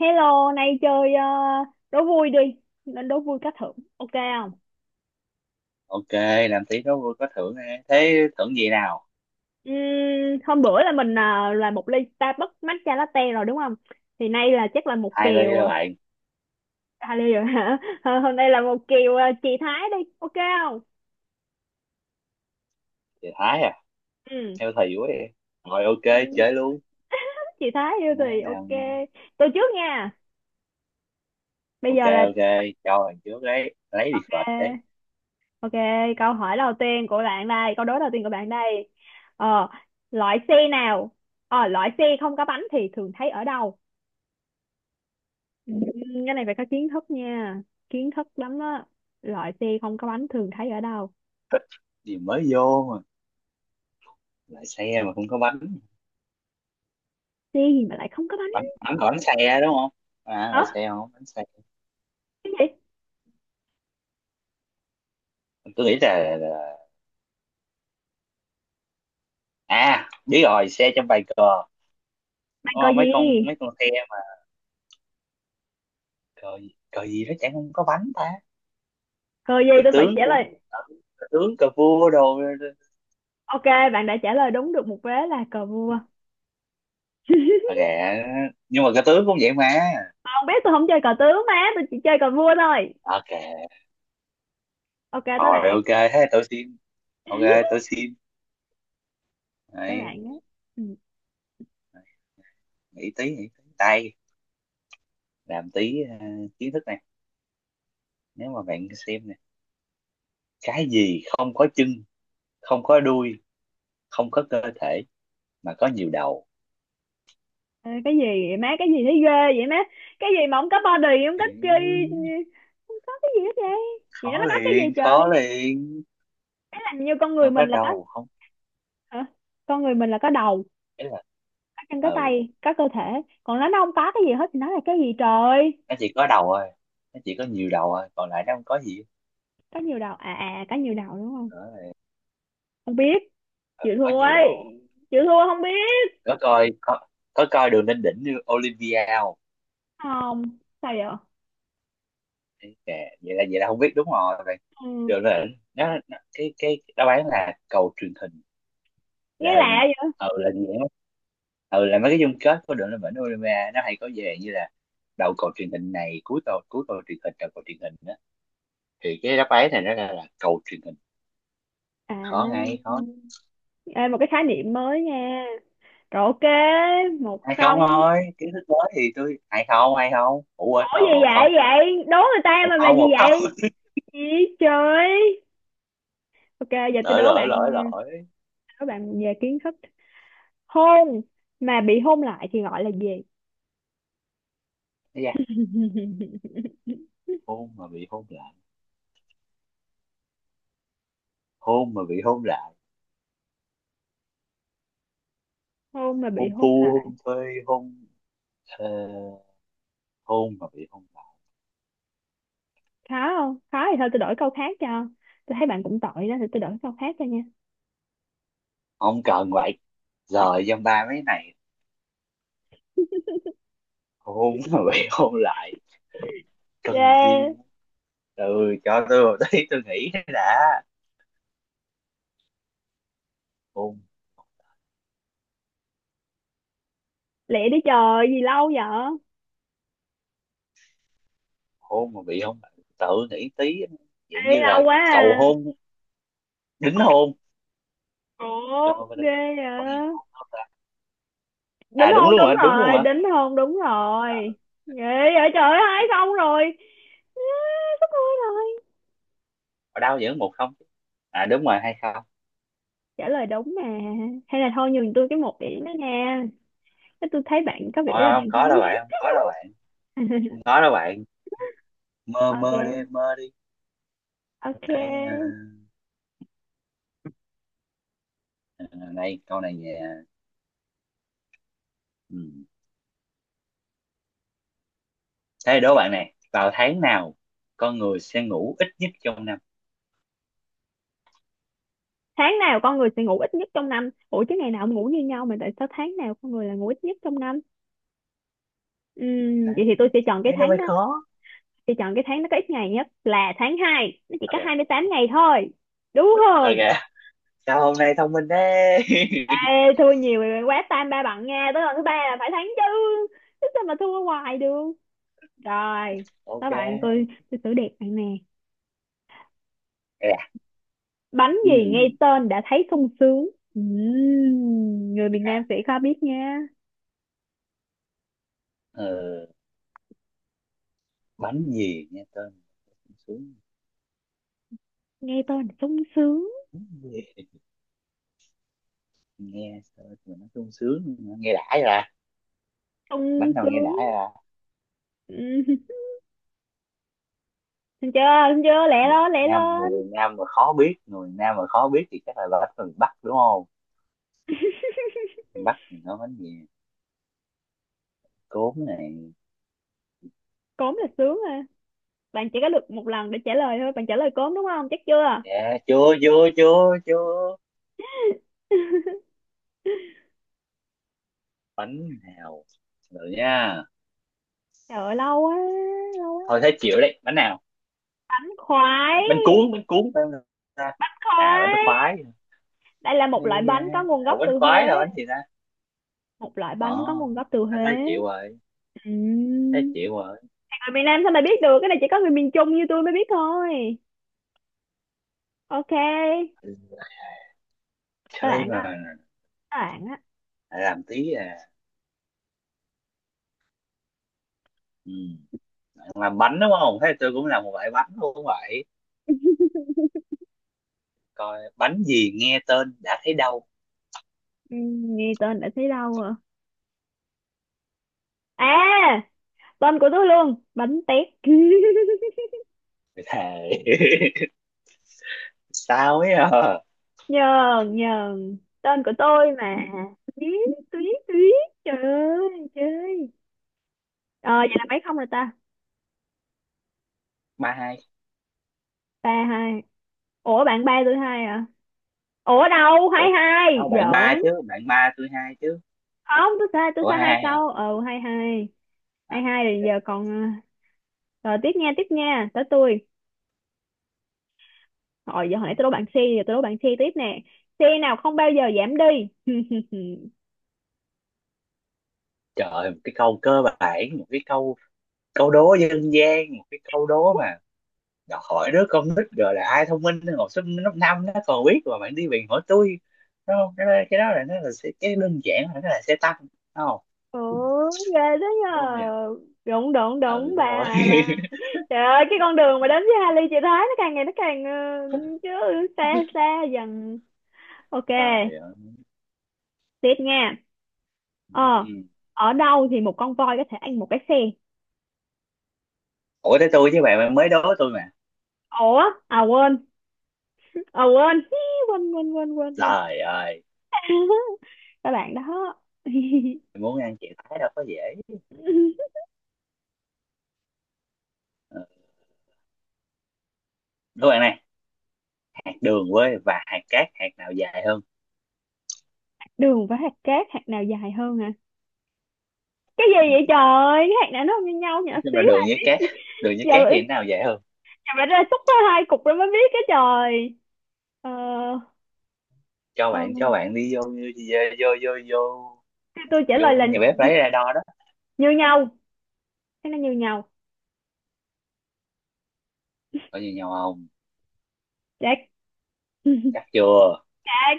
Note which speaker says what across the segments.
Speaker 1: Hello, nay chơi đố vui đi, nên đố vui cá thưởng, ok không?
Speaker 2: Ok, làm tí đó vui có thưởng nè. Thế thưởng gì nào?
Speaker 1: Ừm, Hôm bữa là mình là một ly Starbucks matcha latte rồi đúng không? Thì nay là chắc là một
Speaker 2: Hai ly
Speaker 1: kèo
Speaker 2: rồi bạn.
Speaker 1: à, ly rồi hả? Hôm nay là một kèo chị Thái đi, ok không?
Speaker 2: Thì thái à.
Speaker 1: Ừ.
Speaker 2: Theo thầy vui đi. Rồi ok,
Speaker 1: Ừ,
Speaker 2: chơi luôn.
Speaker 1: chị Thái yêu
Speaker 2: Má
Speaker 1: thì ok.
Speaker 2: làm.
Speaker 1: Tôi trước nha. Bây
Speaker 2: Ok,
Speaker 1: giờ là
Speaker 2: ok, cho bạn trước đấy lấy đi phật đấy.
Speaker 1: ok, câu hỏi đầu tiên của bạn đây, câu đố đầu tiên của bạn đây. Ờ, Loại xe nào? Loại xe không có bánh thì thường thấy ở đâu? Ừ, cái này phải có kiến thức nha, kiến thức lắm á. Loại xe không có bánh thường thấy ở đâu?
Speaker 2: Gì mới vô mà lại xe mà không có bánh bánh
Speaker 1: Xe gì mà lại không có bánh?
Speaker 2: bánh. Còn bánh xe đúng không? À
Speaker 1: Hả?
Speaker 2: lại xe không bánh xe.
Speaker 1: Cái gì?
Speaker 2: Tôi nghĩ là. À biết rồi, xe trong bài cờ.
Speaker 1: Bạn
Speaker 2: Đúng
Speaker 1: cờ
Speaker 2: không?
Speaker 1: gì?
Speaker 2: Mấy con xe mà. Cờ gì nó chẳng không có bánh ta.
Speaker 1: Cờ gì
Speaker 2: Cờ
Speaker 1: tôi phải
Speaker 2: tướng
Speaker 1: trả
Speaker 2: cũng.
Speaker 1: lời?
Speaker 2: Cờ tướng cờ vua đồ.
Speaker 1: Ok, bạn đã trả lời đúng được một vế là cờ vua.
Speaker 2: Ok. Nhưng mà cái tướng cũng vậy mà.
Speaker 1: Không biết, tôi không chơi cờ tướng, má tôi chỉ chơi cờ vua thôi.
Speaker 2: Ok.
Speaker 1: Ok, tới
Speaker 2: Rồi
Speaker 1: bạn.
Speaker 2: ok. Thế tôi xin. Ok. Tôi xin.
Speaker 1: Tới
Speaker 2: Đấy.
Speaker 1: bạn á. Ừ.
Speaker 2: Nghĩ tí tay. Làm tí kiến thức này. Nếu mà bạn xem nè, cái gì không có chân, không có đuôi, không có cơ thể, mà có nhiều đầu.
Speaker 1: Ê, cái gì vậy má? Cái gì thấy ghê vậy má? Cái gì mà không có body, không có chi,
Speaker 2: Ừ,
Speaker 1: không có cái gì hết vậy? Vậy
Speaker 2: khó
Speaker 1: nó có cái gì
Speaker 2: liền,
Speaker 1: trời?
Speaker 2: khó liền.
Speaker 1: Cái làm như con người
Speaker 2: Không
Speaker 1: mình
Speaker 2: có
Speaker 1: là có?
Speaker 2: đầu không?
Speaker 1: Hả? Con người mình là có đầu,
Speaker 2: Ấy là,
Speaker 1: anh có
Speaker 2: ừ,
Speaker 1: tay, có cơ thể, còn nó không có cái gì hết thì nó là cái gì trời?
Speaker 2: nó chỉ có đầu thôi. Nó chỉ có nhiều đầu thôi, còn lại nó không có gì.
Speaker 1: Có nhiều đầu à? À có nhiều đầu đúng không?
Speaker 2: Đó là-
Speaker 1: Không biết.
Speaker 2: ờ,
Speaker 1: Chịu
Speaker 2: có
Speaker 1: thua
Speaker 2: nhiều đầu.
Speaker 1: ấy. Chịu thua không biết.
Speaker 2: có coi có có coi đường lên đỉnh như Olympia không?
Speaker 1: Không. Sao vậy?
Speaker 2: Đấy, kệ, vậy là không biết đúng rồi.
Speaker 1: Ừ.
Speaker 2: Rồi là nó cái đáp án là cầu truyền hình.
Speaker 1: Nghe
Speaker 2: Là,
Speaker 1: lạ vậy
Speaker 2: ừ, là gì đó. Ừ, là mấy cái chung kết của đội lên vĩnh Olympia, nó hay có về như là đầu cầu truyền hình này, cuối cầu, cuối cầu truyền hình, đầu cầu truyền hình đó. Thì cái đáp án này nó ra là cầu truyền hình.
Speaker 1: à.
Speaker 2: Khó ngay khó.
Speaker 1: Ê, một cái khái niệm mới nha. Rồi ok. một
Speaker 2: Hay không
Speaker 1: không
Speaker 2: thôi, kiến thức mới thì tôi hay không, hay không, ủa quên,
Speaker 1: Ủa gì
Speaker 2: một không.
Speaker 1: vậy? Vậy đố người ta
Speaker 2: Một
Speaker 1: mà
Speaker 2: không,
Speaker 1: gì
Speaker 2: một không.
Speaker 1: vậy? Gì trời. Ok, giờ tôi
Speaker 2: Lỗi,
Speaker 1: đố
Speaker 2: lỗi,
Speaker 1: bạn
Speaker 2: lỗi,
Speaker 1: nha.
Speaker 2: lỗi.
Speaker 1: Đố bạn về kiến thức. Hôn mà bị hôn lại thì gọi là gì?
Speaker 2: Ây da, hôn mà bị hôn lại. Hôn mà bị hôn lại.
Speaker 1: Không mà bị
Speaker 2: Hôn
Speaker 1: hôn
Speaker 2: phu,
Speaker 1: lại.
Speaker 2: hôn phê, hôn. Ờ, hôn mà bị hôn lại.
Speaker 1: Khó không? Khó thì thôi tôi đổi câu khác cho. Tôi thấy bạn cũng tội đó thì tôi đổi câu khác cho nha.
Speaker 2: Không cần vậy. Giờ dăm ba mấy này. Hôn mà bị hôn lại cần gì.
Speaker 1: Yeah.
Speaker 2: Từ, cho tôi một tí tôi nghĩ đã. Hôn.
Speaker 1: Lẹ đi trời gì lâu vậy?
Speaker 2: Hôn mà bị hôn lại. Tự nghĩ tí. Dạng
Speaker 1: Ê,
Speaker 2: như là
Speaker 1: lâu quá
Speaker 2: cầu
Speaker 1: à.
Speaker 2: hôn, đính hôn.
Speaker 1: Ủa
Speaker 2: Đâu, đâu, đâu,
Speaker 1: ghê
Speaker 2: đâu. Còn gì nữa
Speaker 1: vậy.
Speaker 2: hôn không ta?
Speaker 1: Đính
Speaker 2: À đúng
Speaker 1: hôn
Speaker 2: luôn
Speaker 1: đúng
Speaker 2: hả? Đúng luôn
Speaker 1: rồi,
Speaker 2: hả?
Speaker 1: đính hôn đúng
Speaker 2: Trời
Speaker 1: rồi. Ghê vậy trời ơi, hai
Speaker 2: ơi,
Speaker 1: xong rồi. À, sắp hôn rồi.
Speaker 2: ở đâu vẫn một không chứ? À đúng rồi hay không.
Speaker 1: Trả lời đúng mà. Hay là thôi nhường tôi cái một điểm đó nha. Thế, tôi thấy bạn có
Speaker 2: Không,
Speaker 1: vẻ là bạn
Speaker 2: không
Speaker 1: không
Speaker 2: có đâu
Speaker 1: biết.
Speaker 2: bạn, không có đâu bạn, không có đâu bạn. Mơ mơ đi,
Speaker 1: Ok,
Speaker 2: mơ đi. Cái,
Speaker 1: ok.
Speaker 2: ờ, này câu này về, ừ. Thế đố bạn này, vào tháng nào con người sẽ ngủ ít nhất trong năm?
Speaker 1: Tháng nào con người sẽ ngủ ít nhất trong năm? Ủa chứ ngày nào cũng ngủ như nhau mà tại sao tháng nào con người là ngủ ít nhất trong năm?
Speaker 2: Đó,
Speaker 1: Vậy thì tôi sẽ chọn cái
Speaker 2: thế nó
Speaker 1: tháng
Speaker 2: mới
Speaker 1: đó.
Speaker 2: khó.
Speaker 1: Thì chọn cái tháng nó có ít ngày nhất là tháng 2, nó chỉ có hai mươi
Speaker 2: Ok,
Speaker 1: tám ngày thôi, đúng
Speaker 2: ok,
Speaker 1: không?
Speaker 2: sao hôm nay thông minh thế?
Speaker 1: Ê, thua nhiều rồi, quá tam ba bằng nha, tới lần thứ ba là phải thắng chứ. Chứ sao mà thua hoài được. Rồi. Các
Speaker 2: Ok.
Speaker 1: bạn, tôi xử đẹp bạn nè.
Speaker 2: À.
Speaker 1: Bánh gì nghe
Speaker 2: Ừm,
Speaker 1: tên đã thấy sung sướng? Ừm, Người miền Nam sẽ khó biết nha.
Speaker 2: ờ, bánh gì nghe tên sung sướng?
Speaker 1: Nghe tên là sung sướng.
Speaker 2: Nghe tên mà nó sung sướng, nghe đã ra.
Speaker 1: Sung
Speaker 2: Bánh nào nghe đã
Speaker 1: sướng.
Speaker 2: ra?
Speaker 1: Ừ. Thấy chưa? Thấy chưa, lẹ
Speaker 2: Người
Speaker 1: lên, lẹ
Speaker 2: nam,
Speaker 1: lên.
Speaker 2: người nam mà khó biết, người nam mà khó biết thì chắc là bánh từ bắc đúng không? Bắc thì nó bánh gì? Cốm này.
Speaker 1: Cốm là sướng à? Bạn chỉ có được một lần để trả lời thôi, bạn trả lời cốm đúng không? Chắc chưa?
Speaker 2: Dạ, chưa, chưa, chưa, chưa. Bánh nào? Rồi nha.
Speaker 1: Trời ơi, lâu quá, lâu
Speaker 2: Thôi
Speaker 1: quá.
Speaker 2: thấy chịu đấy, bánh nào?
Speaker 1: Bánh khoái.
Speaker 2: Bánh cuốn, bánh cuốn phải không ta? À bánh
Speaker 1: Khoái.
Speaker 2: khoái.
Speaker 1: Đây là một loại
Speaker 2: Đây. À,
Speaker 1: bánh có nguồn gốc
Speaker 2: ủa, bánh
Speaker 1: từ Huế.
Speaker 2: khoái là bánh gì ta?
Speaker 1: Một loại bánh có
Speaker 2: Ồ.
Speaker 1: nguồn gốc từ
Speaker 2: À, thấy
Speaker 1: Huế.
Speaker 2: chịu rồi. Thấy
Speaker 1: Ừm.
Speaker 2: chịu rồi.
Speaker 1: Người miền Nam sao mày biết được cái này, chỉ có người miền Trung như tôi mới biết thôi. Ok.
Speaker 2: Ừ,
Speaker 1: Các
Speaker 2: chơi
Speaker 1: bạn
Speaker 2: mà.
Speaker 1: á. Các bạn á.
Speaker 2: Lại làm tí à. Ừ. Làm bánh đúng không, thế tôi cũng làm một loại bánh luôn vậy. Coi bánh gì nghe tên đã thấy đau.
Speaker 1: Nghe tên đã thấy đâu à. À, tên của tôi luôn, bánh tét.
Speaker 2: Thề. Sao ấy à.
Speaker 1: Nhờn, Nhờn, tên của tôi mà. Tuyết. Tuyết. Tuyết. Trời ơi chơi ờ vậy là mấy không rồi ta?
Speaker 2: Ba hai.
Speaker 1: 3-2. Ủa bạn ba tôi hai à? Ủa đâu, hai
Speaker 2: Ủa
Speaker 1: hai
Speaker 2: không, bạn ba
Speaker 1: giỡn.
Speaker 2: chứ, bạn ba tôi hai chứ.
Speaker 1: Không, tôi sai, tôi
Speaker 2: Ủa
Speaker 1: sai
Speaker 2: hai
Speaker 1: hai
Speaker 2: hai hả?
Speaker 1: câu. Ờ, 2-2. hai
Speaker 2: À
Speaker 1: hai rồi
Speaker 2: ok.
Speaker 1: giờ còn rồi tiếp nha, tiếp nha, tới tôi. Rồi giờ hồi nãy tôi đố bạn C, giờ tôi đố bạn C tiếp nè. C nào không bao giờ giảm đi?
Speaker 2: Trời ơi, một cái câu cơ bản, một cái câu câu đố dân gian, một cái câu đố mà đòi hỏi đứa con nít, rồi là ai thông minh, học sinh lớp năm nó còn biết mà bạn đi bạn hỏi tôi. Đúng không, cái đó, cái đó là nó là sẽ- cái đơn giản là nó là xe tăng đúng không?
Speaker 1: Ủa ghê thế
Speaker 2: Đúng không nhỉ?
Speaker 1: nhờ. Đúng đúng
Speaker 2: Ừ
Speaker 1: đúng, ba
Speaker 2: thế thôi.
Speaker 1: hai ba. Trời ơi, cái con đường mà đến với Hà Ly, chị thấy nó càng ngày nó càng chứ xa, xa dần. Ok,
Speaker 2: Trời ơi.
Speaker 1: tiếp nha. Ờ,
Speaker 2: Ừm.
Speaker 1: Ở đâu thì một con voi có thể ăn một cái xe?
Speaker 2: Ủa tới tôi chứ bạn, bạn mới đố tôi mà.
Speaker 1: Ủa, à quên, à quên, Hí, quên quên quên quên quên.
Speaker 2: Trời ơi,
Speaker 1: Các bạn đó.
Speaker 2: muốn ăn chè thái đâu có dễ. Ừ. Đố bạn này, hạt đường quê và hạt cát, hạt nào dài hơn?
Speaker 1: Đường với hạt cát, hạt nào dài hơn hả? Cái gì vậy
Speaker 2: Ừ,
Speaker 1: trời? Cái hạt nào nó không như nhau nhỏ
Speaker 2: nói chung là
Speaker 1: xíu
Speaker 2: đường
Speaker 1: ai
Speaker 2: với cát,
Speaker 1: biết.
Speaker 2: đường với
Speaker 1: Giờ,
Speaker 2: cát thì cái nào dài hơn?
Speaker 1: giờ phải ra xúc ra hai cục rồi mới biết cái trời. Ờ,
Speaker 2: Cho
Speaker 1: ờ,
Speaker 2: bạn, đi vô, vô, vô vô
Speaker 1: tôi trả lời
Speaker 2: vô
Speaker 1: là
Speaker 2: nhà bếp lấy ra đo đó.
Speaker 1: như nhau. Thế nó như nhau.
Speaker 2: Có gì nhau không?
Speaker 1: Chết.
Speaker 2: Chắc chưa?
Speaker 1: Chết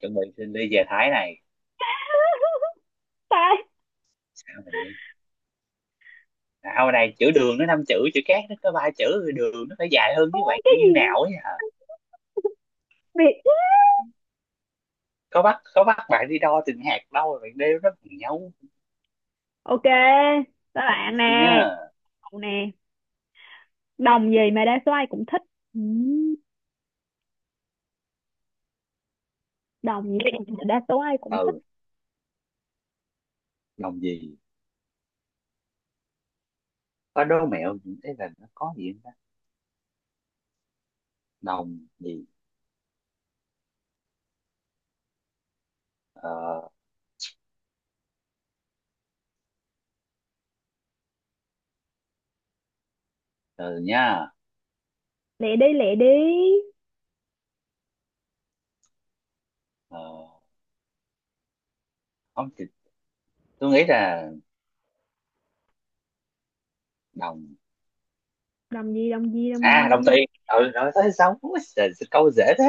Speaker 2: Chuẩn bị xin đi về Thái này.
Speaker 1: ta.
Speaker 2: Sao mình đi. Nào này, chữ đường nó năm chữ, chữ cát nó có ba chữ, rồi đường nó phải dài hơn. Với bạn
Speaker 1: Cái
Speaker 2: như
Speaker 1: gì?
Speaker 2: nào ấy hả?
Speaker 1: Việt.
Speaker 2: Có bắt, bạn đi đo từng hạt đâu, rồi bạn đeo nó bằng nhau.
Speaker 1: Ok, các
Speaker 2: Đó
Speaker 1: bạn
Speaker 2: mình
Speaker 1: nè.
Speaker 2: xin nhá.
Speaker 1: Cậu nè, đồng gì mà đa số ai cũng thích? Ừ, đồng gì mà đa số ai cũng thích?
Speaker 2: Ừ. Đồng gì? Có đố mẹo những cái là nó có gì không ta? Đồng gì? Ờ, từ nha.
Speaker 1: Lẹ đi, lẹ đi.
Speaker 2: ờ không thì tôi nghĩ là đồng.
Speaker 1: Đồng gì? Đồng gì? Đồng
Speaker 2: À đồng
Speaker 1: gì?
Speaker 2: tiền. Ừ rồi tới sống. Trời, sao câu dễ thế.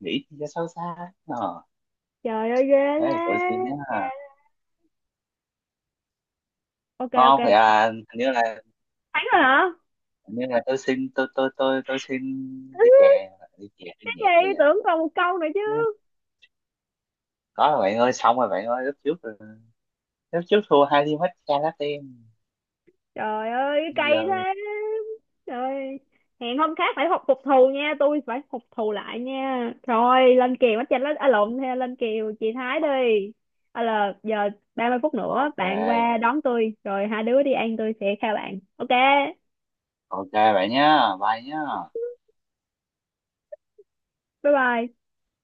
Speaker 2: Nghĩ thì cho sâu xa. Ờ
Speaker 1: Trời ơi ghê.
Speaker 2: đấy tôi xin nhé.
Speaker 1: Thế ok, ok.
Speaker 2: Không phải à, hình như là,
Speaker 1: Thắng rồi hả?
Speaker 2: hình như là tôi xin, tôi xin. Đi chè, đi chè đi,
Speaker 1: Cái
Speaker 2: nhẹ hay
Speaker 1: gì,
Speaker 2: vậy.
Speaker 1: tưởng còn một câu nữa chứ.
Speaker 2: Có rồi bạn ơi, xong rồi bạn ơi. Lúc trước, lúc trước thua hai ly matcha latte.
Speaker 1: Trời ơi,
Speaker 2: Bây
Speaker 1: cái cây
Speaker 2: giờ.
Speaker 1: thế. Trời, hẹn hôm khác phải học phục thù nha, tôi phải phục thù lại nha. Rồi, lên kèo bắt chanh lên à, lộn theo lên kèo chị Thái đi. À là giờ 30 phút nữa bạn
Speaker 2: Ok.
Speaker 1: qua đón tôi rồi hai đứa đi ăn tôi sẽ khao bạn. Ok.
Speaker 2: Ok bạn nhá. Bye nhá.
Speaker 1: Bye bye.